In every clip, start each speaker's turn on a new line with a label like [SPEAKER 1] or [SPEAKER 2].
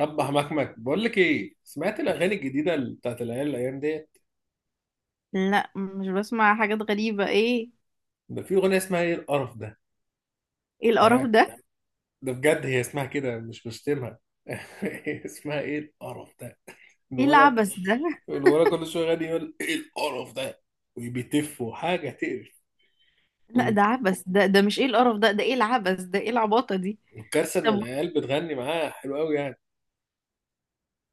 [SPEAKER 1] رب مكمك، بقول لك ايه، سمعت الاغاني الجديده بتاعت العيال الايام ديت؟
[SPEAKER 2] لا، مش بسمع حاجات غريبة. ايه؟
[SPEAKER 1] ده في اغنيه اسمها ايه القرف ده.
[SPEAKER 2] ايه القرف
[SPEAKER 1] ده
[SPEAKER 2] ده؟
[SPEAKER 1] ده بجد هي اسمها كده، مش بشتمها. اسمها ايه القرف ده.
[SPEAKER 2] ايه
[SPEAKER 1] الولد
[SPEAKER 2] العبث ده؟
[SPEAKER 1] الولد كل شويه غني، يقول ايه القرف ده وبيتف وحاجه تقرف.
[SPEAKER 2] لا، ده عبث. ده مش ايه القرف ده ده ايه العبث ده، ايه العباطة دي؟
[SPEAKER 1] والكارثه ان
[SPEAKER 2] طب
[SPEAKER 1] العيال بتغني معاه حلو قوي يعني.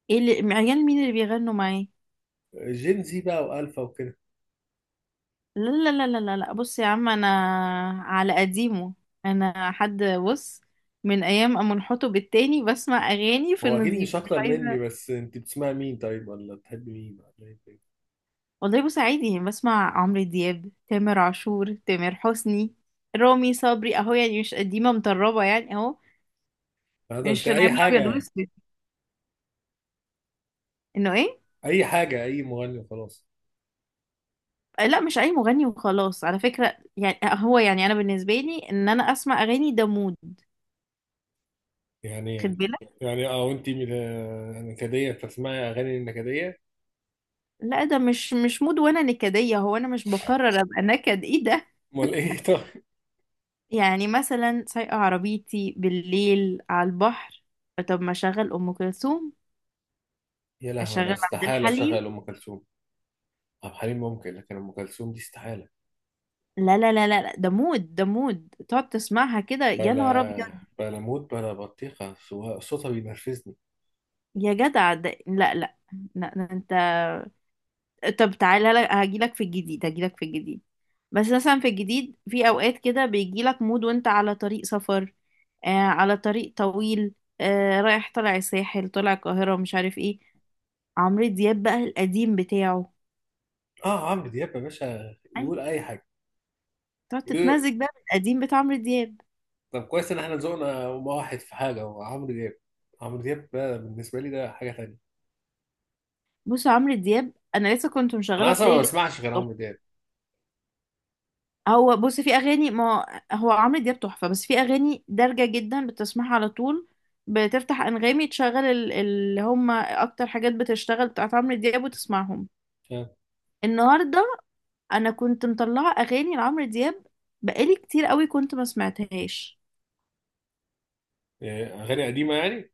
[SPEAKER 2] ايه اللي عيال مين اللي بيغنوا معاه؟
[SPEAKER 1] جين زي بقى، والفا، وكده.
[SPEAKER 2] لا لا لا لا لا لا، بص يا عم، انا على قديمه. انا حد بص، من ايام أما انحطوا التاني بسمع اغاني في
[SPEAKER 1] هو اكيد
[SPEAKER 2] النظيف،
[SPEAKER 1] مش
[SPEAKER 2] مش
[SPEAKER 1] اكتر مني،
[SPEAKER 2] عايزة.
[SPEAKER 1] بس انت بتسمع مين طيب، ولا بتحب مين، ولا ايه؟
[SPEAKER 2] والله بص، عادي يعني، بسمع عمرو دياب، تامر عاشور، تامر حسني، رامي صبري اهو، يعني مش قديمة مطربة يعني اهو.
[SPEAKER 1] هذا انت
[SPEAKER 2] مش
[SPEAKER 1] اي
[SPEAKER 2] نعمل
[SPEAKER 1] حاجه
[SPEAKER 2] ابيض
[SPEAKER 1] يعني،
[SPEAKER 2] واسود انه ايه؟
[SPEAKER 1] اي حاجه، اي مغني وخلاص.
[SPEAKER 2] لا، مش اي مغني وخلاص على فكرة، يعني هو يعني انا بالنسبة لي ان انا اسمع اغاني ده مود. خد
[SPEAKER 1] يعني
[SPEAKER 2] بالك.
[SPEAKER 1] يعني اه، وانتي نكدية تسمعي اغاني النكدية؟
[SPEAKER 2] لا ده مش مود وانا نكدية، هو انا مش بقرر ابقى نكد؟ ايه ده!
[SPEAKER 1] امال ايه؟ طيب.
[SPEAKER 2] يعني مثلا سايقة عربيتي بالليل على البحر، طب ما اشغل ام كلثوم،
[SPEAKER 1] يا لهوي، انا
[SPEAKER 2] اشغل عبد
[SPEAKER 1] استحالة
[SPEAKER 2] الحليم.
[SPEAKER 1] اشغل ام كلثوم. عبد الحليم ممكن، لكن ام كلثوم دي استحالة.
[SPEAKER 2] لا لا لا لا لا، ده مود، ده مود، تقعد تسمعها كده يا
[SPEAKER 1] بلا
[SPEAKER 2] نهار ابيض.
[SPEAKER 1] بلا موت بلا بطيخة، صوتها بينرفزني.
[SPEAKER 2] يا جدع ده لا لا، لا، لا. طب تعالى لك، هجيلك في الجديد هجيلك في الجديد. بس مثلا في الجديد، في اوقات كده بيجيلك مود وانت على طريق سفر، آه، على طريق طويل، آه، رايح طالع الساحل، طالع القاهرة، مش عارف ايه، عمرو دياب بقى القديم بتاعه.
[SPEAKER 1] اه، عمرو دياب يا باشا
[SPEAKER 2] أي،
[SPEAKER 1] يقول اي حاجة.
[SPEAKER 2] تقعد
[SPEAKER 1] يقول-
[SPEAKER 2] تتمزج بقى بالقديم بتاع عمرو دياب.
[SPEAKER 1] طب كويس ان احنا ذوقنا واحد في حاجة، هو عمرو دياب. عمرو دياب ده بالنسبة لي ده حاجة تانية.
[SPEAKER 2] بص، عمرو دياب انا لسه كنت
[SPEAKER 1] انا
[SPEAKER 2] مشغلة
[SPEAKER 1] اصلا ما
[SPEAKER 2] بلاي ليست.
[SPEAKER 1] بسمعش غير عمرو دياب،
[SPEAKER 2] هو بص، في اغاني ما، هو عمرو دياب تحفه، بس في اغاني دارجه جدا بتسمعها على طول، بتفتح انغامي، تشغل اللي هم اكتر حاجات بتشتغل بتاعت عمرو دياب وتسمعهم.
[SPEAKER 1] فاهم؟
[SPEAKER 2] النهارده انا كنت مطلعه اغاني لعمرو دياب، بقالي كتير قوي كنت ما سمعتهاش.
[SPEAKER 1] يعني اغاني قديمة يعني؟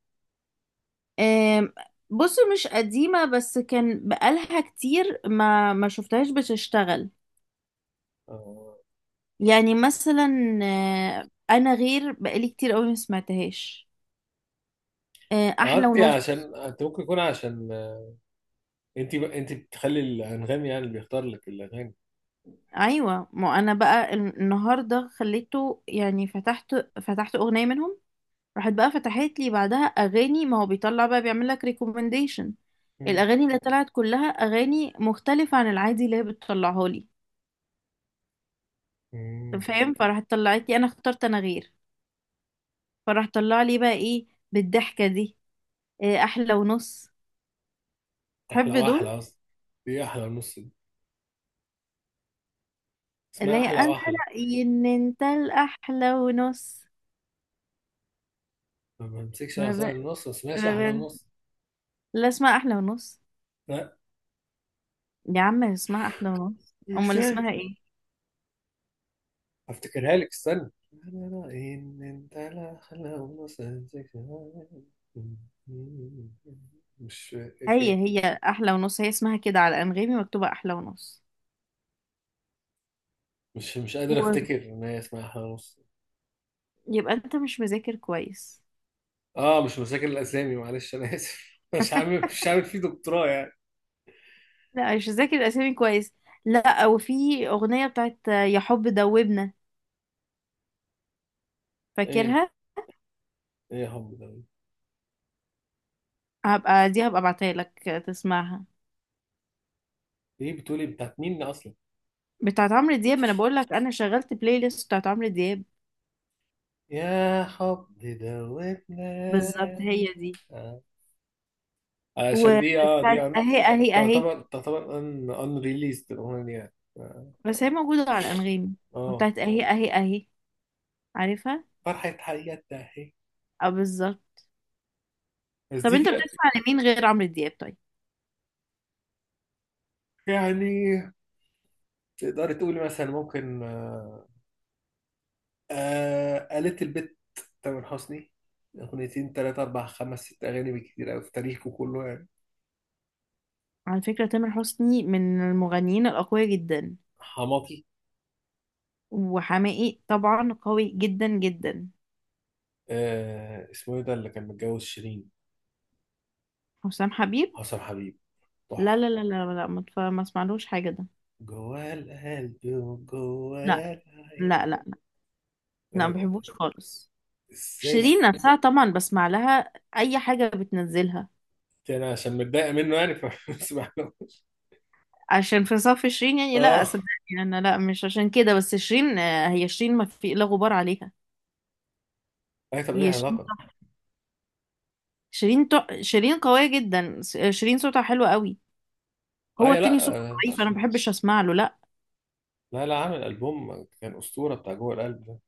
[SPEAKER 2] آم، بص مش قديمه، بس كان بقالها كتير ما شفتهاش بتشتغل،
[SPEAKER 1] آه.
[SPEAKER 2] يعني مثلا، آه، انا غير، بقالي كتير قوي ما سمعتهاش، آه،
[SPEAKER 1] اه،
[SPEAKER 2] احلى
[SPEAKER 1] انت
[SPEAKER 2] ونص.
[SPEAKER 1] عشان انت ممكن يكون عشان انت بتخلي الانغام يعني اللي بيختار لك الاغاني.
[SPEAKER 2] ايوه، ما انا بقى النهارده خليته يعني، فتحت اغنيه منهم، راحت بقى فتحت لي بعدها اغاني، ما هو بيطلع بقى بيعمل لك ريكومنديشن.
[SPEAKER 1] مم.
[SPEAKER 2] الاغاني اللي طلعت كلها اغاني مختلفه عن العادي اللي هي بتطلعها لي،
[SPEAKER 1] مم.
[SPEAKER 2] فاهم؟ فراحت طلعت لي انا اخترت انا غير، فراح طلع لي بقى ايه، بالضحكه دي، إيه احلى ونص.
[SPEAKER 1] احلى
[SPEAKER 2] تحب دول؟
[SPEAKER 1] واحلى اصلا. دي احلى ونص، دي اسمها
[SPEAKER 2] اللي هي
[SPEAKER 1] احلى
[SPEAKER 2] انا
[SPEAKER 1] واحلى.
[SPEAKER 2] رايي ان انت الاحلى ونص.
[SPEAKER 1] ما بمسكش، انا
[SPEAKER 2] ما ب...
[SPEAKER 1] اصلا النص ما اسمهاش
[SPEAKER 2] ما
[SPEAKER 1] احلى
[SPEAKER 2] ب...
[SPEAKER 1] ونص.
[SPEAKER 2] لا، اسمها احلى ونص.
[SPEAKER 1] لا.
[SPEAKER 2] يا عم، اسمها احلى ونص، امال
[SPEAKER 1] ازاي؟
[SPEAKER 2] اسمها ايه؟
[SPEAKER 1] هفتكرها لك، استنى. لا لا لا ان انت، لا احلى ونص أمسكش عصاية. مش فاكر.
[SPEAKER 2] هي احلى ونص، هي اسمها كده على انغامي، مكتوبه احلى ونص.
[SPEAKER 1] مش قادر
[SPEAKER 2] و-
[SPEAKER 1] افتكر ان هي اسمها احلى ونص.
[SPEAKER 2] يبقى انت مش مذاكر كويس،
[SPEAKER 1] اه مش مذاكر الاسامي، معلش انا اسف. مش عامل فيه دكتوراه يعني.
[SPEAKER 2] لا مش مذاكر الاسامي كويس. لا، وفي اغنيه بتاعت يا حب دوبنا،
[SPEAKER 1] ايه
[SPEAKER 2] فاكرها؟
[SPEAKER 1] ايه يا حب ده؟
[SPEAKER 2] هبقى ابعتها لك تسمعها،
[SPEAKER 1] ايه بتقولي بتاعت مين اصلا؟
[SPEAKER 2] بتاعت عمرو دياب، ما انا بقول لك انا شغلت بلاي ليست بتاعت عمرو دياب.
[SPEAKER 1] يا حب دوتنا.
[SPEAKER 2] بالظبط هي دي.
[SPEAKER 1] آه. عشان دي اه دي
[SPEAKER 2] وبتاعت اهي اهي اهي،
[SPEAKER 1] تعتبر ان ريليست الاغنيه اه.
[SPEAKER 2] بس هي موجوده على انغامي.
[SPEAKER 1] آه.
[SPEAKER 2] وبتاعت اهي اهي اهي، عارفها؟
[SPEAKER 1] فرحه حياتنا اهي،
[SPEAKER 2] اه، بالظبط.
[SPEAKER 1] بس
[SPEAKER 2] طب
[SPEAKER 1] دي
[SPEAKER 2] انت
[SPEAKER 1] كده.
[SPEAKER 2] بتسمع لمين غير عمرو دياب طيب؟
[SPEAKER 1] يعني تقدري تقولي مثلا، ممكن آه. آه، قالت البت. تامر حسني، 2 اغاني 3 4 5 6 أغاني بالكتير أوي في تاريخه كله يعني.
[SPEAKER 2] على فكرة تامر حسني من المغنيين الأقوياء جدا،
[SPEAKER 1] حماقي.
[SPEAKER 2] وحماقي طبعا قوي جدا جدا.
[SPEAKER 1] آه، اسمه إيه ده اللي كان متجوز شيرين؟
[SPEAKER 2] حسام حبيب؟
[SPEAKER 1] حسن حبيب،
[SPEAKER 2] لا
[SPEAKER 1] تحفة.
[SPEAKER 2] لا لا لا لا، ما اسمعلوش حاجة ده.
[SPEAKER 1] جواه القلب
[SPEAKER 2] لا
[SPEAKER 1] وجواه العين.
[SPEAKER 2] لا، لا
[SPEAKER 1] لا،
[SPEAKER 2] لا، ما
[SPEAKER 1] لا،
[SPEAKER 2] بحبوش خالص.
[SPEAKER 1] ازاي ده؟
[SPEAKER 2] شيرين نفسها طبعا بسمع لها أي حاجة بتنزلها،
[SPEAKER 1] دي انا عشان متضايق منه يعني فمسمعلوش.
[SPEAKER 2] عشان في صف شيرين يعني؟ لا،
[SPEAKER 1] اه.
[SPEAKER 2] صدقني أنا لا، مش عشان كده. بس شيرين، آه، هي شيرين ما في لا غبار عليها.
[SPEAKER 1] اي طب ايه
[SPEAKER 2] هي شيرين،
[SPEAKER 1] العلاقه؟
[SPEAKER 2] شيرين قوية جدا، شيرين صوتها حلو قوي. هو
[SPEAKER 1] اي لا،
[SPEAKER 2] التاني صوته
[SPEAKER 1] آه،
[SPEAKER 2] ضعيف، انا ما بحبش اسمع له، لا.
[SPEAKER 1] لا لا، عامل البوم كان اسطوره، بتاع جوه القلب ده.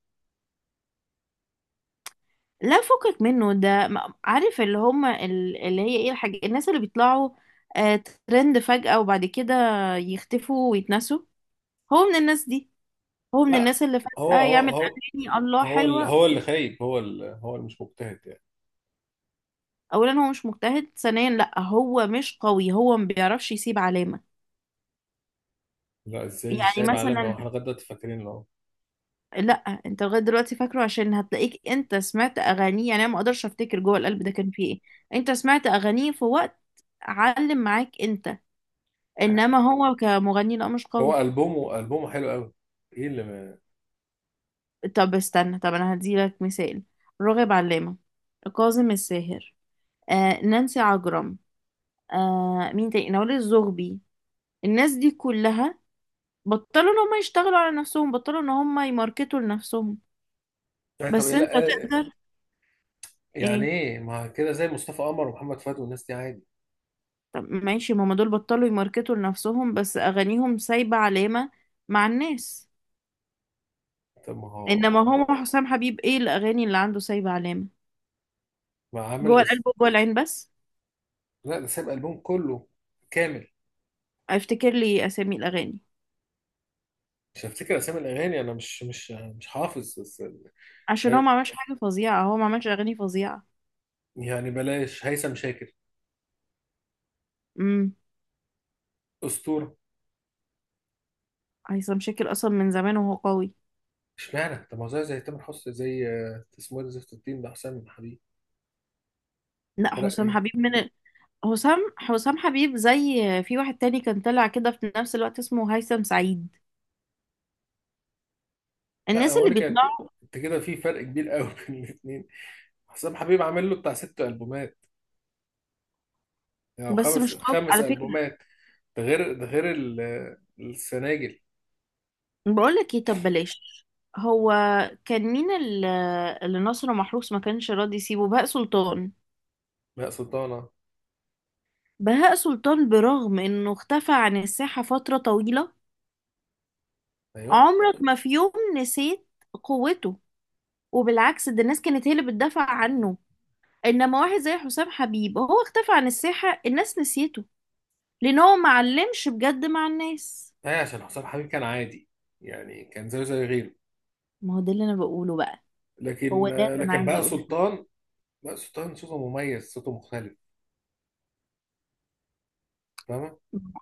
[SPEAKER 2] لا فكك منه ده، عارف اللي هم اللي هي ايه الحاجة، الناس اللي بيطلعوا آه ترند فجأة وبعد كده يختفوا ويتنسوا، هو من الناس دي، هو من
[SPEAKER 1] لا.
[SPEAKER 2] الناس اللي
[SPEAKER 1] هو
[SPEAKER 2] فجأة
[SPEAKER 1] هو
[SPEAKER 2] يعمل
[SPEAKER 1] هو
[SPEAKER 2] أغاني الله
[SPEAKER 1] هو اللي
[SPEAKER 2] حلوة.
[SPEAKER 1] هو اللي خايب، هو اللي مش مجتهد يعني.
[SPEAKER 2] أولا هو مش مجتهد، ثانيا لا، هو مش قوي، هو ما بيعرفش يسيب علامة.
[SPEAKER 1] لا، ازاي مش
[SPEAKER 2] يعني
[SPEAKER 1] سايب علامه؟ هو
[SPEAKER 2] مثلا،
[SPEAKER 1] احنا لغايه دلوقتي فاكرين له.
[SPEAKER 2] لا، انت لغاية دلوقتي فاكره عشان هتلاقيك انت سمعت أغانيه، يعني أنا ما أقدرش أفتكر جوه القلب ده كان فيه ايه. انت سمعت أغانيه في وقت علم معاك انت، انما هو كمغني لا، مش قوي.
[SPEAKER 1] هو البومه حلو قوي. ايه اللي ما.
[SPEAKER 2] طب استنى، طب انا هديلك مثال، راغب علامة، كاظم الساهر، آه، نانسي عجرم، آه، مين تاني، نوال الزغبي، الناس دي كلها بطلوا ان هم يشتغلوا على نفسهم، بطلوا ان هم يماركتوا لنفسهم،
[SPEAKER 1] اي طب ايه؟
[SPEAKER 2] بس انت
[SPEAKER 1] لا، آه،
[SPEAKER 2] تقدر.
[SPEAKER 1] يعني
[SPEAKER 2] ايه؟
[SPEAKER 1] ايه ما كده، زي مصطفى قمر ومحمد فؤاد والناس دي عادي.
[SPEAKER 2] طب ماشي، ما هم دول بطلوا يماركتوا لنفسهم بس اغانيهم سايبة علامة مع الناس.
[SPEAKER 1] طب ما هو
[SPEAKER 2] انما هو حسام حبيب ايه الاغاني اللي عنده سايبة علامة؟
[SPEAKER 1] ما عامل
[SPEAKER 2] جوه القلب وجوه العين بس.
[SPEAKER 1] لا، ده ساب البوم كله كامل.
[SPEAKER 2] افتكر لي اسامي الاغاني.
[SPEAKER 1] مش هفتكر اسامي الاغاني، انا مش حافظ بس.
[SPEAKER 2] عشان هو ما عملش حاجة فظيعة، هو ما عملش أغاني فظيعة.
[SPEAKER 1] يعني بلاش هيثم شاكر،
[SPEAKER 2] امم.
[SPEAKER 1] اسطوره.
[SPEAKER 2] هيثم شاكر أصلا من زمان وهو قوي.
[SPEAKER 1] اشمعنى طب ما هو زي تامر حسني، زي آه، اسمه إيه ده زفت الدين ده حسام حبيب.
[SPEAKER 2] لا،
[SPEAKER 1] فرق
[SPEAKER 2] حسام
[SPEAKER 1] ايه؟
[SPEAKER 2] حبيب من حسام حبيب، زي في واحد تاني كان طلع كده في نفس الوقت اسمه هيثم سعيد،
[SPEAKER 1] لا
[SPEAKER 2] الناس
[SPEAKER 1] هو
[SPEAKER 2] اللي
[SPEAKER 1] انا كانت.
[SPEAKER 2] بيطلعوا،
[SPEAKER 1] انت كده، في فرق كبير قوي بين الاثنين. حسام حبيب عامل له بتاع 6 البومات. او يعني
[SPEAKER 2] بس
[SPEAKER 1] خمس
[SPEAKER 2] مش قوي
[SPEAKER 1] خمس
[SPEAKER 2] على فكرة.
[SPEAKER 1] البومات. ده غير السناجل.
[SPEAKER 2] بقول لك ايه، طب بلاش، هو كان مين اللي ناصر محروس ما كانش راضي يسيبه؟ بهاء سلطان.
[SPEAKER 1] لا، سلطانه؟
[SPEAKER 2] بهاء سلطان برغم انه اختفى عن الساحة فترة طويلة،
[SPEAKER 1] ايوه.
[SPEAKER 2] عمرك ما في يوم نسيت قوته، وبالعكس ده الناس كانت هي اللي بتدافع عنه. انما واحد زي حسام حبيب هو اختفى عن الساحة الناس نسيته، لان هو ما علمش بجد مع الناس.
[SPEAKER 1] هي عشان حسام حبيب كان عادي يعني، كان زيه زي غيره.
[SPEAKER 2] ما هو ده اللي انا بقوله بقى، هو
[SPEAKER 1] لكن
[SPEAKER 2] ده اللي انا
[SPEAKER 1] لكن
[SPEAKER 2] عايزه
[SPEAKER 1] بقى
[SPEAKER 2] اقوله،
[SPEAKER 1] سلطان. بقى سلطان صوته مميز، صوته مختلف، فاهمة؟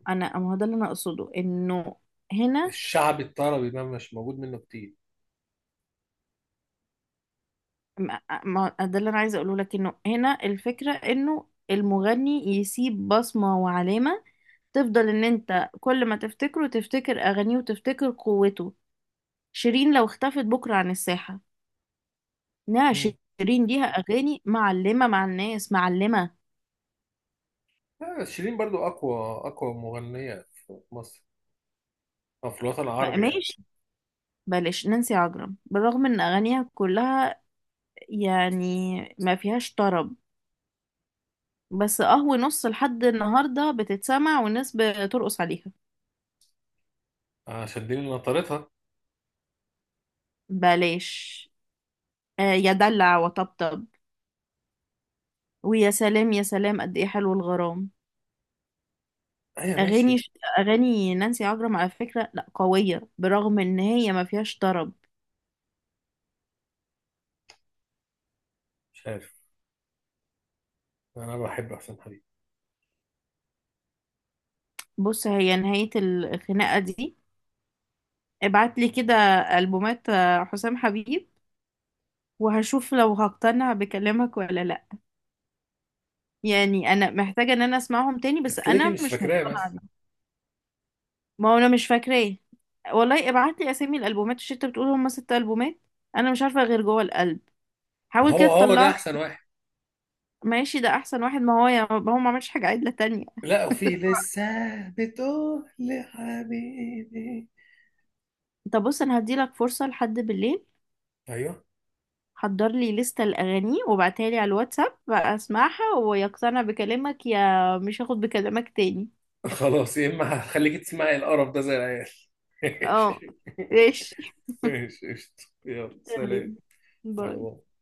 [SPEAKER 2] انا ما هو ده اللي انا اقصده انه هنا.
[SPEAKER 1] الشعبي الطربي ده مش موجود منه كتير.
[SPEAKER 2] ده اللي انا عايزه اقوله لك، انه هنا الفكرة، انه المغني يسيب بصمة وعلامة، تفضل ان انت كل ما تفتكره تفتكر اغانيه وتفتكر قوته. شيرين لو اختفت بكرة عن الساحة، انها
[SPEAKER 1] مم.
[SPEAKER 2] شيرين، ليها اغاني معلمه مع الناس، معلمه.
[SPEAKER 1] لا، شيرين برضو أقوى. أقوى مغنية في مصر، أو في الوطن العربي يعني.
[SPEAKER 2] ماشي. بلاش نانسي عجرم، بالرغم ان اغانيها كلها يعني ما فيهاش طرب، بس قهوة نص لحد النهارده بتتسمع والناس بترقص عليها.
[SPEAKER 1] عشان دي اللي نطرتها.
[SPEAKER 2] بلاش آه يا دلع وطبطب، ويا سلام يا سلام قد ايه حلو الغرام.
[SPEAKER 1] أيوة
[SPEAKER 2] اغاني
[SPEAKER 1] ماشي.
[SPEAKER 2] اغاني نانسي عجرم على فكره لا، قويه برغم ان هي ما فيهاش طرب.
[SPEAKER 1] مش عارف. أنا بحب أحسن حبيبي.
[SPEAKER 2] بص، هي نهايه الخناقه دي، ابعت لي كده ألبومات حسام حبيب، وهشوف لو هقتنع بكلامك ولا لا. يعني انا محتاجة ان انا اسمعهم تاني، بس
[SPEAKER 1] أنت ليه كده
[SPEAKER 2] انا
[SPEAKER 1] مش
[SPEAKER 2] مش
[SPEAKER 1] فاكراه
[SPEAKER 2] مقتنعة
[SPEAKER 1] بس؟
[SPEAKER 2] بيهم. ما هو انا مش فاكراه، والله ابعت لي اسامي الالبومات. مش انت بتقول هم ست البومات؟ انا مش عارفة غير جوه القلب،
[SPEAKER 1] ما
[SPEAKER 2] حاول كده
[SPEAKER 1] هو ده
[SPEAKER 2] تطلعني.
[SPEAKER 1] أحسن واحد.
[SPEAKER 2] ماشي، ده احسن واحد، ما هو يا ما هو ما عملش حاجة عدلة تانية.
[SPEAKER 1] لا، وفي لسه بتقول لحبيبي.
[SPEAKER 2] طب بص، انا هديلك فرصة لحد بالليل،
[SPEAKER 1] أيوه.
[SPEAKER 2] حضر لي لستة الأغاني وبعتها لي على الواتساب بقى، أسمعها ويقتنع بكلامك، يا مش هاخد بكلامك تاني.
[SPEAKER 1] خلاص يا، إما هخليك تسمعي القرف ده زي العيال.
[SPEAKER 2] اه، ماشي.
[SPEAKER 1] ماشي، قشطة، يلا سلام،
[SPEAKER 2] تمام،
[SPEAKER 1] باي
[SPEAKER 2] باي.
[SPEAKER 1] باي.